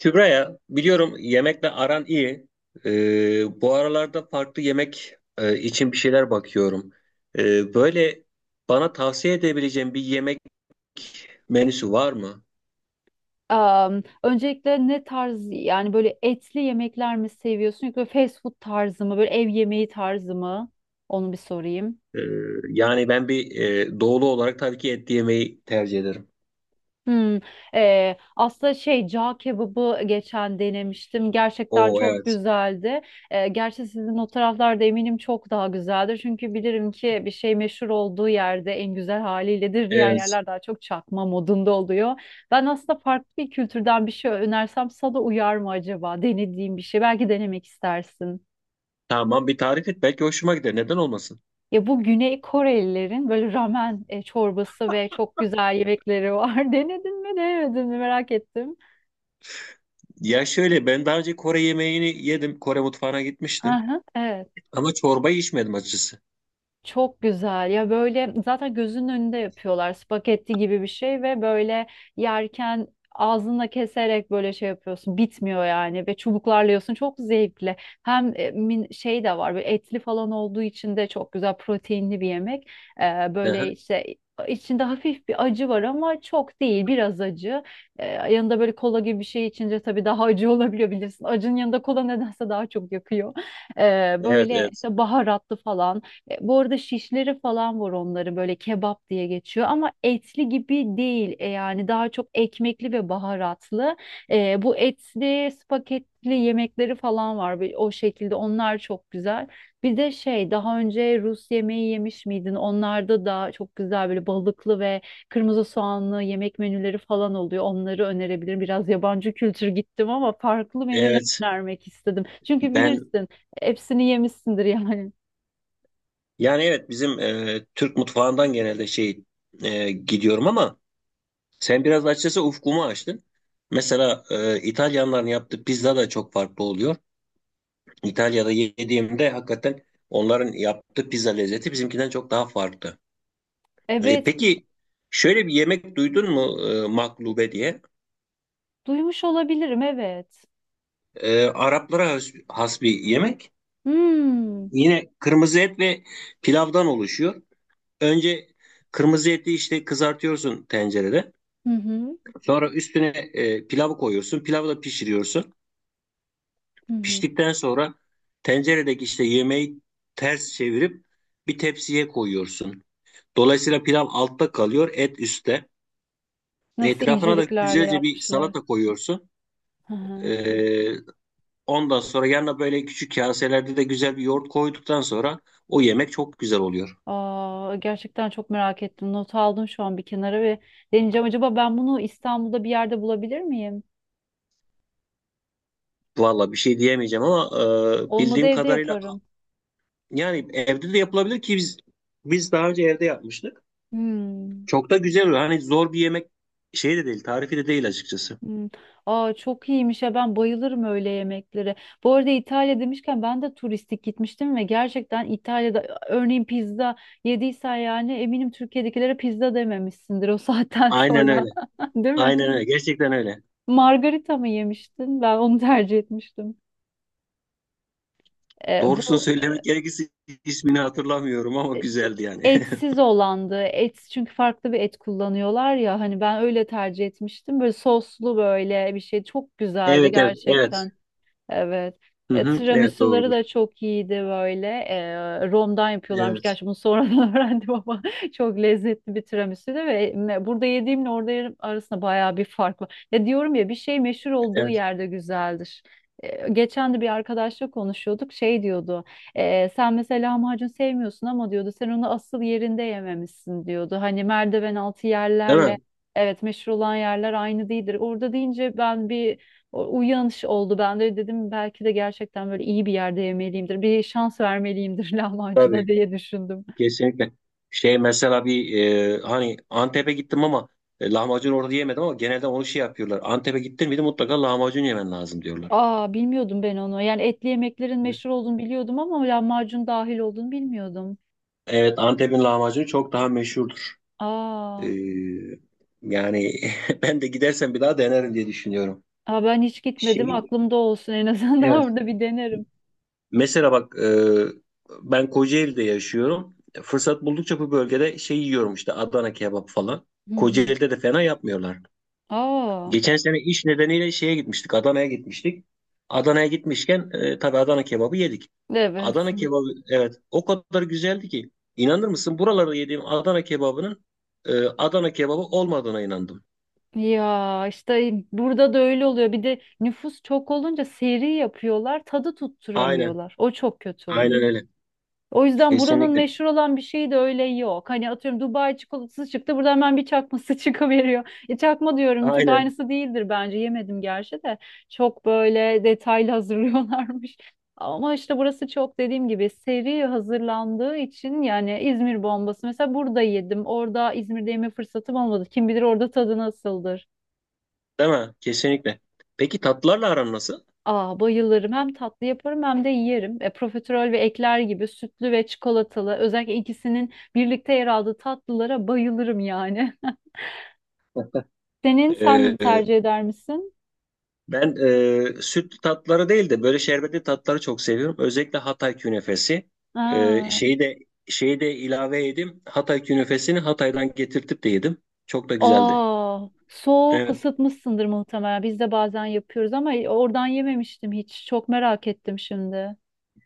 Kübra'ya biliyorum yemekle aran iyi. Bu aralarda farklı yemek için bir şeyler bakıyorum. Böyle bana tavsiye edebileceğim bir yemek menüsü var mı? Öncelikle ne tarz, yani böyle etli yemekler mi seviyorsun yoksa fast food tarzı mı, böyle ev yemeği tarzı mı? Onu bir sorayım. Ee, yani ben bir doğulu olarak tabii ki et yemeyi tercih ederim. Hmm. Aslında şey, cağ kebabı geçen denemiştim. Gerçekten Oo, çok evet. güzeldi. Gerçi sizin o taraflarda eminim çok daha güzeldir. Çünkü bilirim ki bir şey meşhur olduğu yerde en güzel haliyledir. Diğer Evet. yerler daha çok çakma modunda oluyor. Ben aslında farklı bir kültürden bir şey önersem sana uyar mı acaba? Denediğim bir şey. Belki denemek istersin. Tamam, bir tarif et, belki hoşuma gider. Neden olmasın? Ya bu Güney Korelilerin böyle ramen çorbası ve çok güzel yemekleri var. Denedin mi, denemedin mi merak ettim. Ya şöyle, ben daha önce Kore yemeğini yedim. Kore mutfağına gitmiştim. Aha, evet. Ama çorbayı içmedim açıkçası. Çok güzel ya, böyle zaten gözünün önünde yapıyorlar, spagetti gibi bir şey ve böyle yerken ağzınla keserek böyle şey yapıyorsun, bitmiyor yani, ve çubuklarla yiyorsun, çok zevkli. Hem şey de var, böyle etli falan olduğu için de çok güzel proteinli bir yemek. Böyle Aha. işte, içinde hafif bir acı var ama çok değil, biraz acı. Yanında böyle kola gibi bir şey içince tabii daha acı olabiliyor, bilirsin acının yanında kola nedense daha çok yakıyor. Evet, Böyle evet. işte baharatlı falan. Bu arada şişleri falan var, onları böyle kebap diye geçiyor ama etli gibi değil. Yani daha çok ekmekli ve baharatlı. Bu etli spagetli yemekleri falan var. O şekilde onlar çok güzel. Bir de şey, daha önce Rus yemeği yemiş miydin? Onlarda da çok güzel böyle balıklı ve kırmızı soğanlı yemek menüleri falan oluyor. Onları önerebilirim. Biraz yabancı kültür gittim ama farklı menüler Evet. önermek istedim. Çünkü Ben bilirsin hepsini yemişsindir yani. Yani evet, bizim Türk mutfağından genelde şey gidiyorum ama sen biraz açıkçası ufkumu açtın. Mesela İtalyanların yaptığı pizza da çok farklı oluyor. İtalya'da yediğimde hakikaten onların yaptığı pizza lezzeti bizimkinden çok daha farklı. Evet. peki, şöyle bir yemek duydun mu maklube diye? Duymuş olabilirim, evet. Araplara has bir yemek. Hmm. Yine kırmızı et ve pilavdan oluşuyor. Önce kırmızı eti işte kızartıyorsun tencerede. Hı hı. Sonra üstüne pilavı koyuyorsun. Pilavı da pişiriyorsun. Hı hı. Piştikten sonra tenceredeki işte yemeği ters çevirip bir tepsiye koyuyorsun. Dolayısıyla pilav altta kalıyor, et üstte. Nasıl Etrafına da inceliklerle güzelce bir yapmışlar. salata koyuyorsun. Hı hı. E, ondan sonra yanına böyle küçük kaselerde de güzel bir yoğurt koyduktan sonra o yemek çok güzel oluyor. Aa, gerçekten çok merak ettim. Not aldım şu an bir kenara ve deneyeceğim. Acaba ben bunu İstanbul'da bir yerde bulabilir miyim? Valla bir şey diyemeyeceğim ama Olmadı bildiğim evde kadarıyla yaparım. yani evde de yapılabilir ki biz daha önce evde yapmıştık. Hmm. Çok da güzel oluyor. Hani zor bir yemek şey de değil, tarifi de değil açıkçası. Hmm. Aa çok iyiymiş ya, ben bayılırım öyle yemeklere. Bu arada İtalya demişken, ben de turistik gitmiştim ve gerçekten İtalya'da, örneğin pizza yediysen, yani eminim Türkiye'dekilere pizza dememişsindir o saatten Aynen sonra. öyle. Değil mi? Aynen öyle. Gerçekten öyle. Margarita mı yemiştin? Ben onu tercih etmiştim. Ee, Doğrusunu bu söylemek gerekirse ismini hatırlamıyorum ama e, e, güzeldi yani. Etsiz olandı. Et çünkü farklı bir et kullanıyorlar ya, hani ben öyle tercih etmiştim. Böyle soslu, böyle bir şey, çok güzeldi Evet, evet, evet. gerçekten. Evet. Hı hı, evet, Tiramisuları doğrudur. da çok iyiydi böyle. Romdan yapıyorlarmış. Evet, Gerçi bunu sonradan öğrendim ama çok lezzetli bir tiramisu'ydu ve burada yediğimle orada yerim arasında bayağı bir fark var. Ya diyorum ya, bir şey meşhur olduğu evet. yerde güzeldir. Geçen de bir arkadaşla konuşuyorduk. Şey diyordu. Sen mesela lahmacun sevmiyorsun, ama diyordu sen onu asıl yerinde yememişsin diyordu. Hani merdiven altı Değil yerlerle. mi? Evet, meşhur olan yerler aynı değildir. Orada deyince ben bir, o uyanış oldu bende. Dedim belki de gerçekten böyle iyi bir yerde yemeliyimdir. Bir şans vermeliyimdir lahmacuna Tabii, diye düşündüm. kesinlikle. Şey, mesela bir hani Antep'e gittim ama lahmacun orada yemedim ama genelde onu şey yapıyorlar. Antep'e gittin miydi mutlaka lahmacun yemen lazım diyorlar. Aa bilmiyordum ben onu. Yani etli yemeklerin meşhur olduğunu biliyordum ama lahmacun dahil olduğunu bilmiyordum. Evet, Antep'in lahmacunu çok daha meşhurdur. Ee, Aa. yani ben de gidersem bir daha denerim diye düşünüyorum. Aa ben hiç gitmedim. Şey, Aklımda olsun, en azından evet. orada bir denerim. Mesela bak, ben Kocaeli'de yaşıyorum. Fırsat buldukça bu bölgede şey yiyorum işte, Adana kebap falan. Hı hı. Kocaeli'de de fena yapmıyorlar. Aa Geçen sene iş nedeniyle şeye gitmiştik, Adana'ya gitmiştik. Adana'ya gitmişken tabii Adana kebabı yedik. evet. Adana kebabı, evet, o kadar güzeldi ki inanır mısın, buralarda yediğim Adana kebabının Adana kebabı olmadığına inandım. Ya işte burada da öyle oluyor. Bir de nüfus çok olunca seri yapıyorlar, tadı Aynen, tutturamıyorlar. O çok kötü oluyor. aynen öyle. O yüzden buranın Kesinlikle. meşhur olan bir şeyi de öyle yok. Hani atıyorum, Dubai çikolatası çıktı. Burada hemen bir çakması çıkıveriyor. Çakma diyorum çünkü Aynen. aynısı değildir bence. Yemedim gerçi de. Çok böyle detaylı hazırlıyorlarmış. Ama işte burası çok, dediğim gibi, seri hazırlandığı için. Yani İzmir bombası mesela burada yedim. Orada İzmir'de yeme fırsatım olmadı. Kim bilir orada tadı nasıldır. Değil mi? Kesinlikle. Peki, tatlılarla aran nasıl? Aa, bayılırım. Hem tatlı yaparım hem de yerim. Profiterol ve ekler gibi sütlü ve çikolatalı, özellikle ikisinin birlikte yer aldığı tatlılara bayılırım yani. Sen Ee, tercih eder misin? ben sütlü tatları değil de böyle şerbetli tatları çok seviyorum. Özellikle Hatay künefesi. Ee, Aa. şeyi de şeyi de ilave yedim. Hatay künefesini Hatay'dan getirtip de yedim. Çok da güzeldi. Aa, soğuk Evet. ısıtmışsındır muhtemelen. Biz de bazen yapıyoruz ama oradan yememiştim hiç. Çok merak ettim şimdi.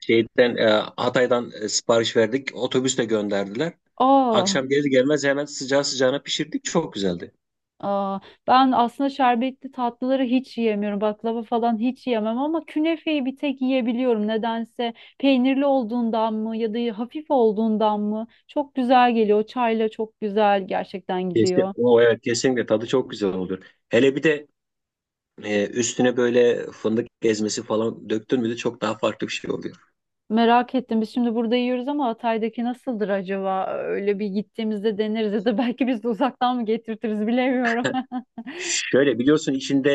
Şeyden, Hatay'dan sipariş verdik. Otobüsle gönderdiler. Aa. Akşam gelir gelmez hemen sıcağı sıcağına pişirdik. Çok güzeldi. Aa, ben aslında şerbetli tatlıları hiç yiyemiyorum. Baklava falan hiç yiyemem ama künefeyi bir tek yiyebiliyorum. Nedense peynirli olduğundan mı ya da hafif olduğundan mı çok güzel geliyor. Çayla çok güzel gerçekten Kesin, gidiyor. o evet, kesinlikle tadı çok güzel olur. Hele bir de üstüne böyle fındık ezmesi falan döktün mü de çok daha farklı bir şey oluyor. Merak ettim. Biz şimdi burada yiyoruz ama Hatay'daki nasıldır acaba? Öyle bir gittiğimizde deneriz ya da belki biz de uzaktan mı getirtiriz, bilemiyorum. Şöyle biliyorsun, içinde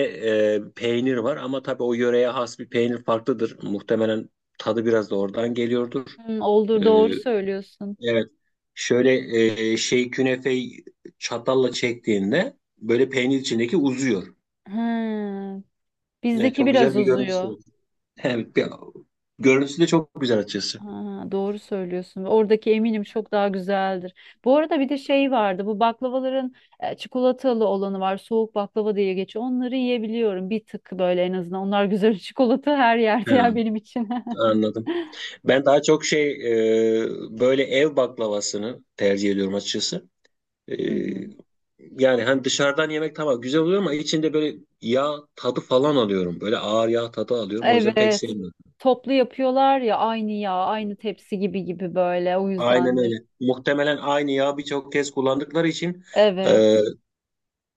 peynir var ama tabii o yöreye has bir peynir farklıdır. Muhtemelen tadı biraz da oradan geliyordur. Hmm, olur, Ee, doğru söylüyorsun. evet. Şöyle şey künefeyi çatalla çektiğinde böyle peynir içindeki uzuyor. Hmm, Evet, bizdeki çok güzel biraz bir görüntüsü uzuyor. var. Evet, görüntüsü de çok güzel açısı. Ha, doğru söylüyorsun. Ve oradaki eminim çok daha güzeldir. Bu arada bir de şey vardı. Bu baklavaların çikolatalı olanı var. Soğuk baklava diye geçiyor. Onları yiyebiliyorum. Bir tık böyle en azından. Onlar güzel. Çikolata her yerde ya Ha, benim için. anladım. Ben daha çok şey böyle ev baklavasını tercih ediyorum açıkçası. E, Hı hı. yani hani dışarıdan yemek tamam güzel oluyor ama içinde böyle yağ tadı falan alıyorum. Böyle ağır yağ tadı alıyorum. O yüzden pek Evet. sevmiyorum. Toplu yapıyorlar ya, aynı yağ, aynı tepsi gibi gibi böyle. O Aynen yüzdendir. öyle. Muhtemelen aynı yağı birçok kez kullandıkları için e, Evet.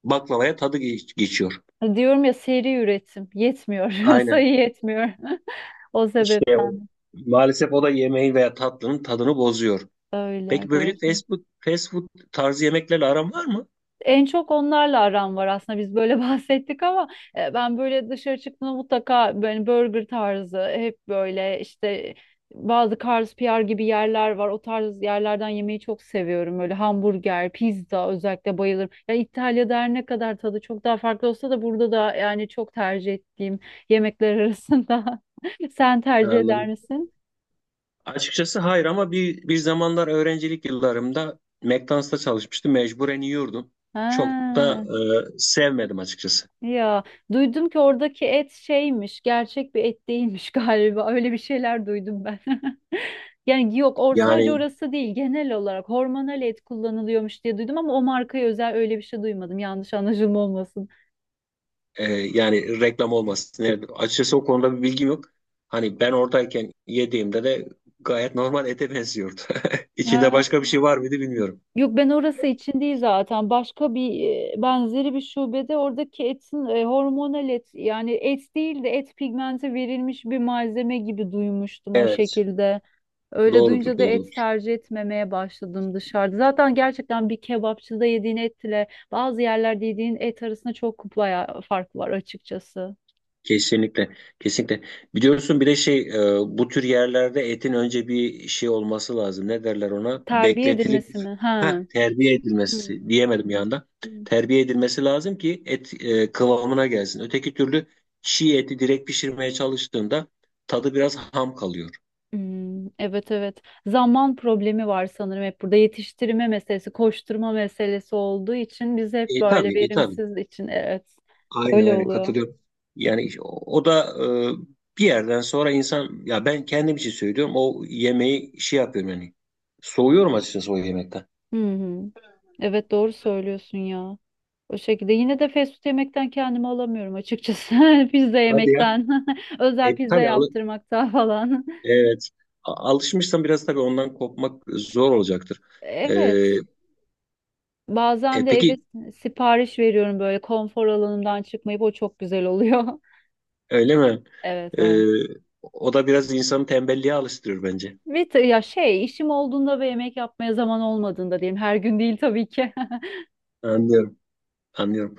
baklavaya tadı geçiyor. Diyorum ya, seri üretim yetmiyor. Aynen. Sayı yetmiyor. O İşte o. sebepten Maalesef o da yemeğin veya tatlının tadını bozuyor. öyle, Peki, böyle doğru. fast food tarzı yemeklerle aran var mı? En çok onlarla aram var aslında, biz böyle bahsettik ama ben böyle dışarı çıktığımda mutlaka böyle burger tarzı, hep böyle işte bazı Carl's PR gibi yerler var. O tarz yerlerden yemeyi çok seviyorum. Böyle hamburger, pizza özellikle bayılırım. Ya İtalya'da her ne kadar tadı çok daha farklı olsa da, burada da yani çok tercih ettiğim yemekler arasında. Sen tercih eder Anladım. misin? Açıkçası hayır, ama bir zamanlar öğrencilik yıllarımda McDonald's'ta çalışmıştım. Mecburen yiyordum. Çok da Ha. Sevmedim açıkçası. Ya duydum ki oradaki et şeymiş, gerçek bir et değilmiş galiba. Öyle bir şeyler duydum ben. Yani yok, or sadece Yani orası değil, genel olarak hormonal et kullanılıyormuş diye duydum, ama o markaya özel öyle bir şey duymadım. Yanlış anlaşılma olmasın. yani reklam olmasın. Yani açıkçası o konuda bir bilgim yok. Hani ben oradayken yediğimde de gayet normal ete benziyordu. İçinde Ha. başka bir şey var mıydı bilmiyorum. Yok, ben orası için değil zaten. Başka bir benzeri bir şubede oradaki etin hormonal et, yani et değil de et pigmenti verilmiş bir malzeme gibi duymuştum, o Evet. şekilde. Öyle Doğrudur, duyunca da doğru. et tercih etmemeye başladım dışarıda. Zaten gerçekten bir kebapçıda yediğin etle bazı yerlerde yediğin et arasında çok bayağı fark var açıkçası. Kesinlikle, kesinlikle. Biliyorsun bir de şey, bu tür yerlerde etin önce bir şey olması lazım. Ne derler ona? Terbiye Bekletilip, edilmesi mi? heh, Ha. terbiye Hmm. edilmesi diyemedim bir anda. Hmm. Terbiye edilmesi lazım ki et kıvamına gelsin. Öteki türlü çiğ eti direkt pişirmeye çalıştığında tadı biraz ham kalıyor. Hmm, evet evet. Zaman problemi var sanırım hep, burada yetiştirme meselesi, koşturma meselesi olduğu için biz hep böyle Tabii, tabii. verimsiz için, evet. Aynen Öyle aynen oluyor. katılıyorum. Yani o da bir yerden sonra insan, ya ben kendim için söylüyorum, o yemeği şey yapıyorum yani. Soğuyorum açıkçası o yemekten. Hı hı. Evet doğru söylüyorsun ya. O şekilde yine de fast food yemekten kendimi alamıyorum açıkçası. Pizza Hadi ya. yemekten. Özel pizza Tabii yaptırmaktan falan. evet. Alışmışsan biraz tabii ondan kopmak zor olacaktır. E, Evet. Bazen de eve peki, sipariş veriyorum, böyle konfor alanımdan çıkmayıp, o çok güzel oluyor. öyle mi? Evet E, var. o da biraz insanı tembelliğe alıştırır bence. Ya şey, işim olduğunda ve yemek yapmaya zaman olmadığında diyeyim. Her gün değil tabii ki. Anlıyorum. Anlıyorum.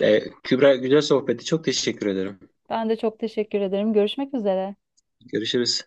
Kübra, güzel sohbeti. Çok teşekkür ederim. Ben de çok teşekkür ederim. Görüşmek üzere. Görüşürüz.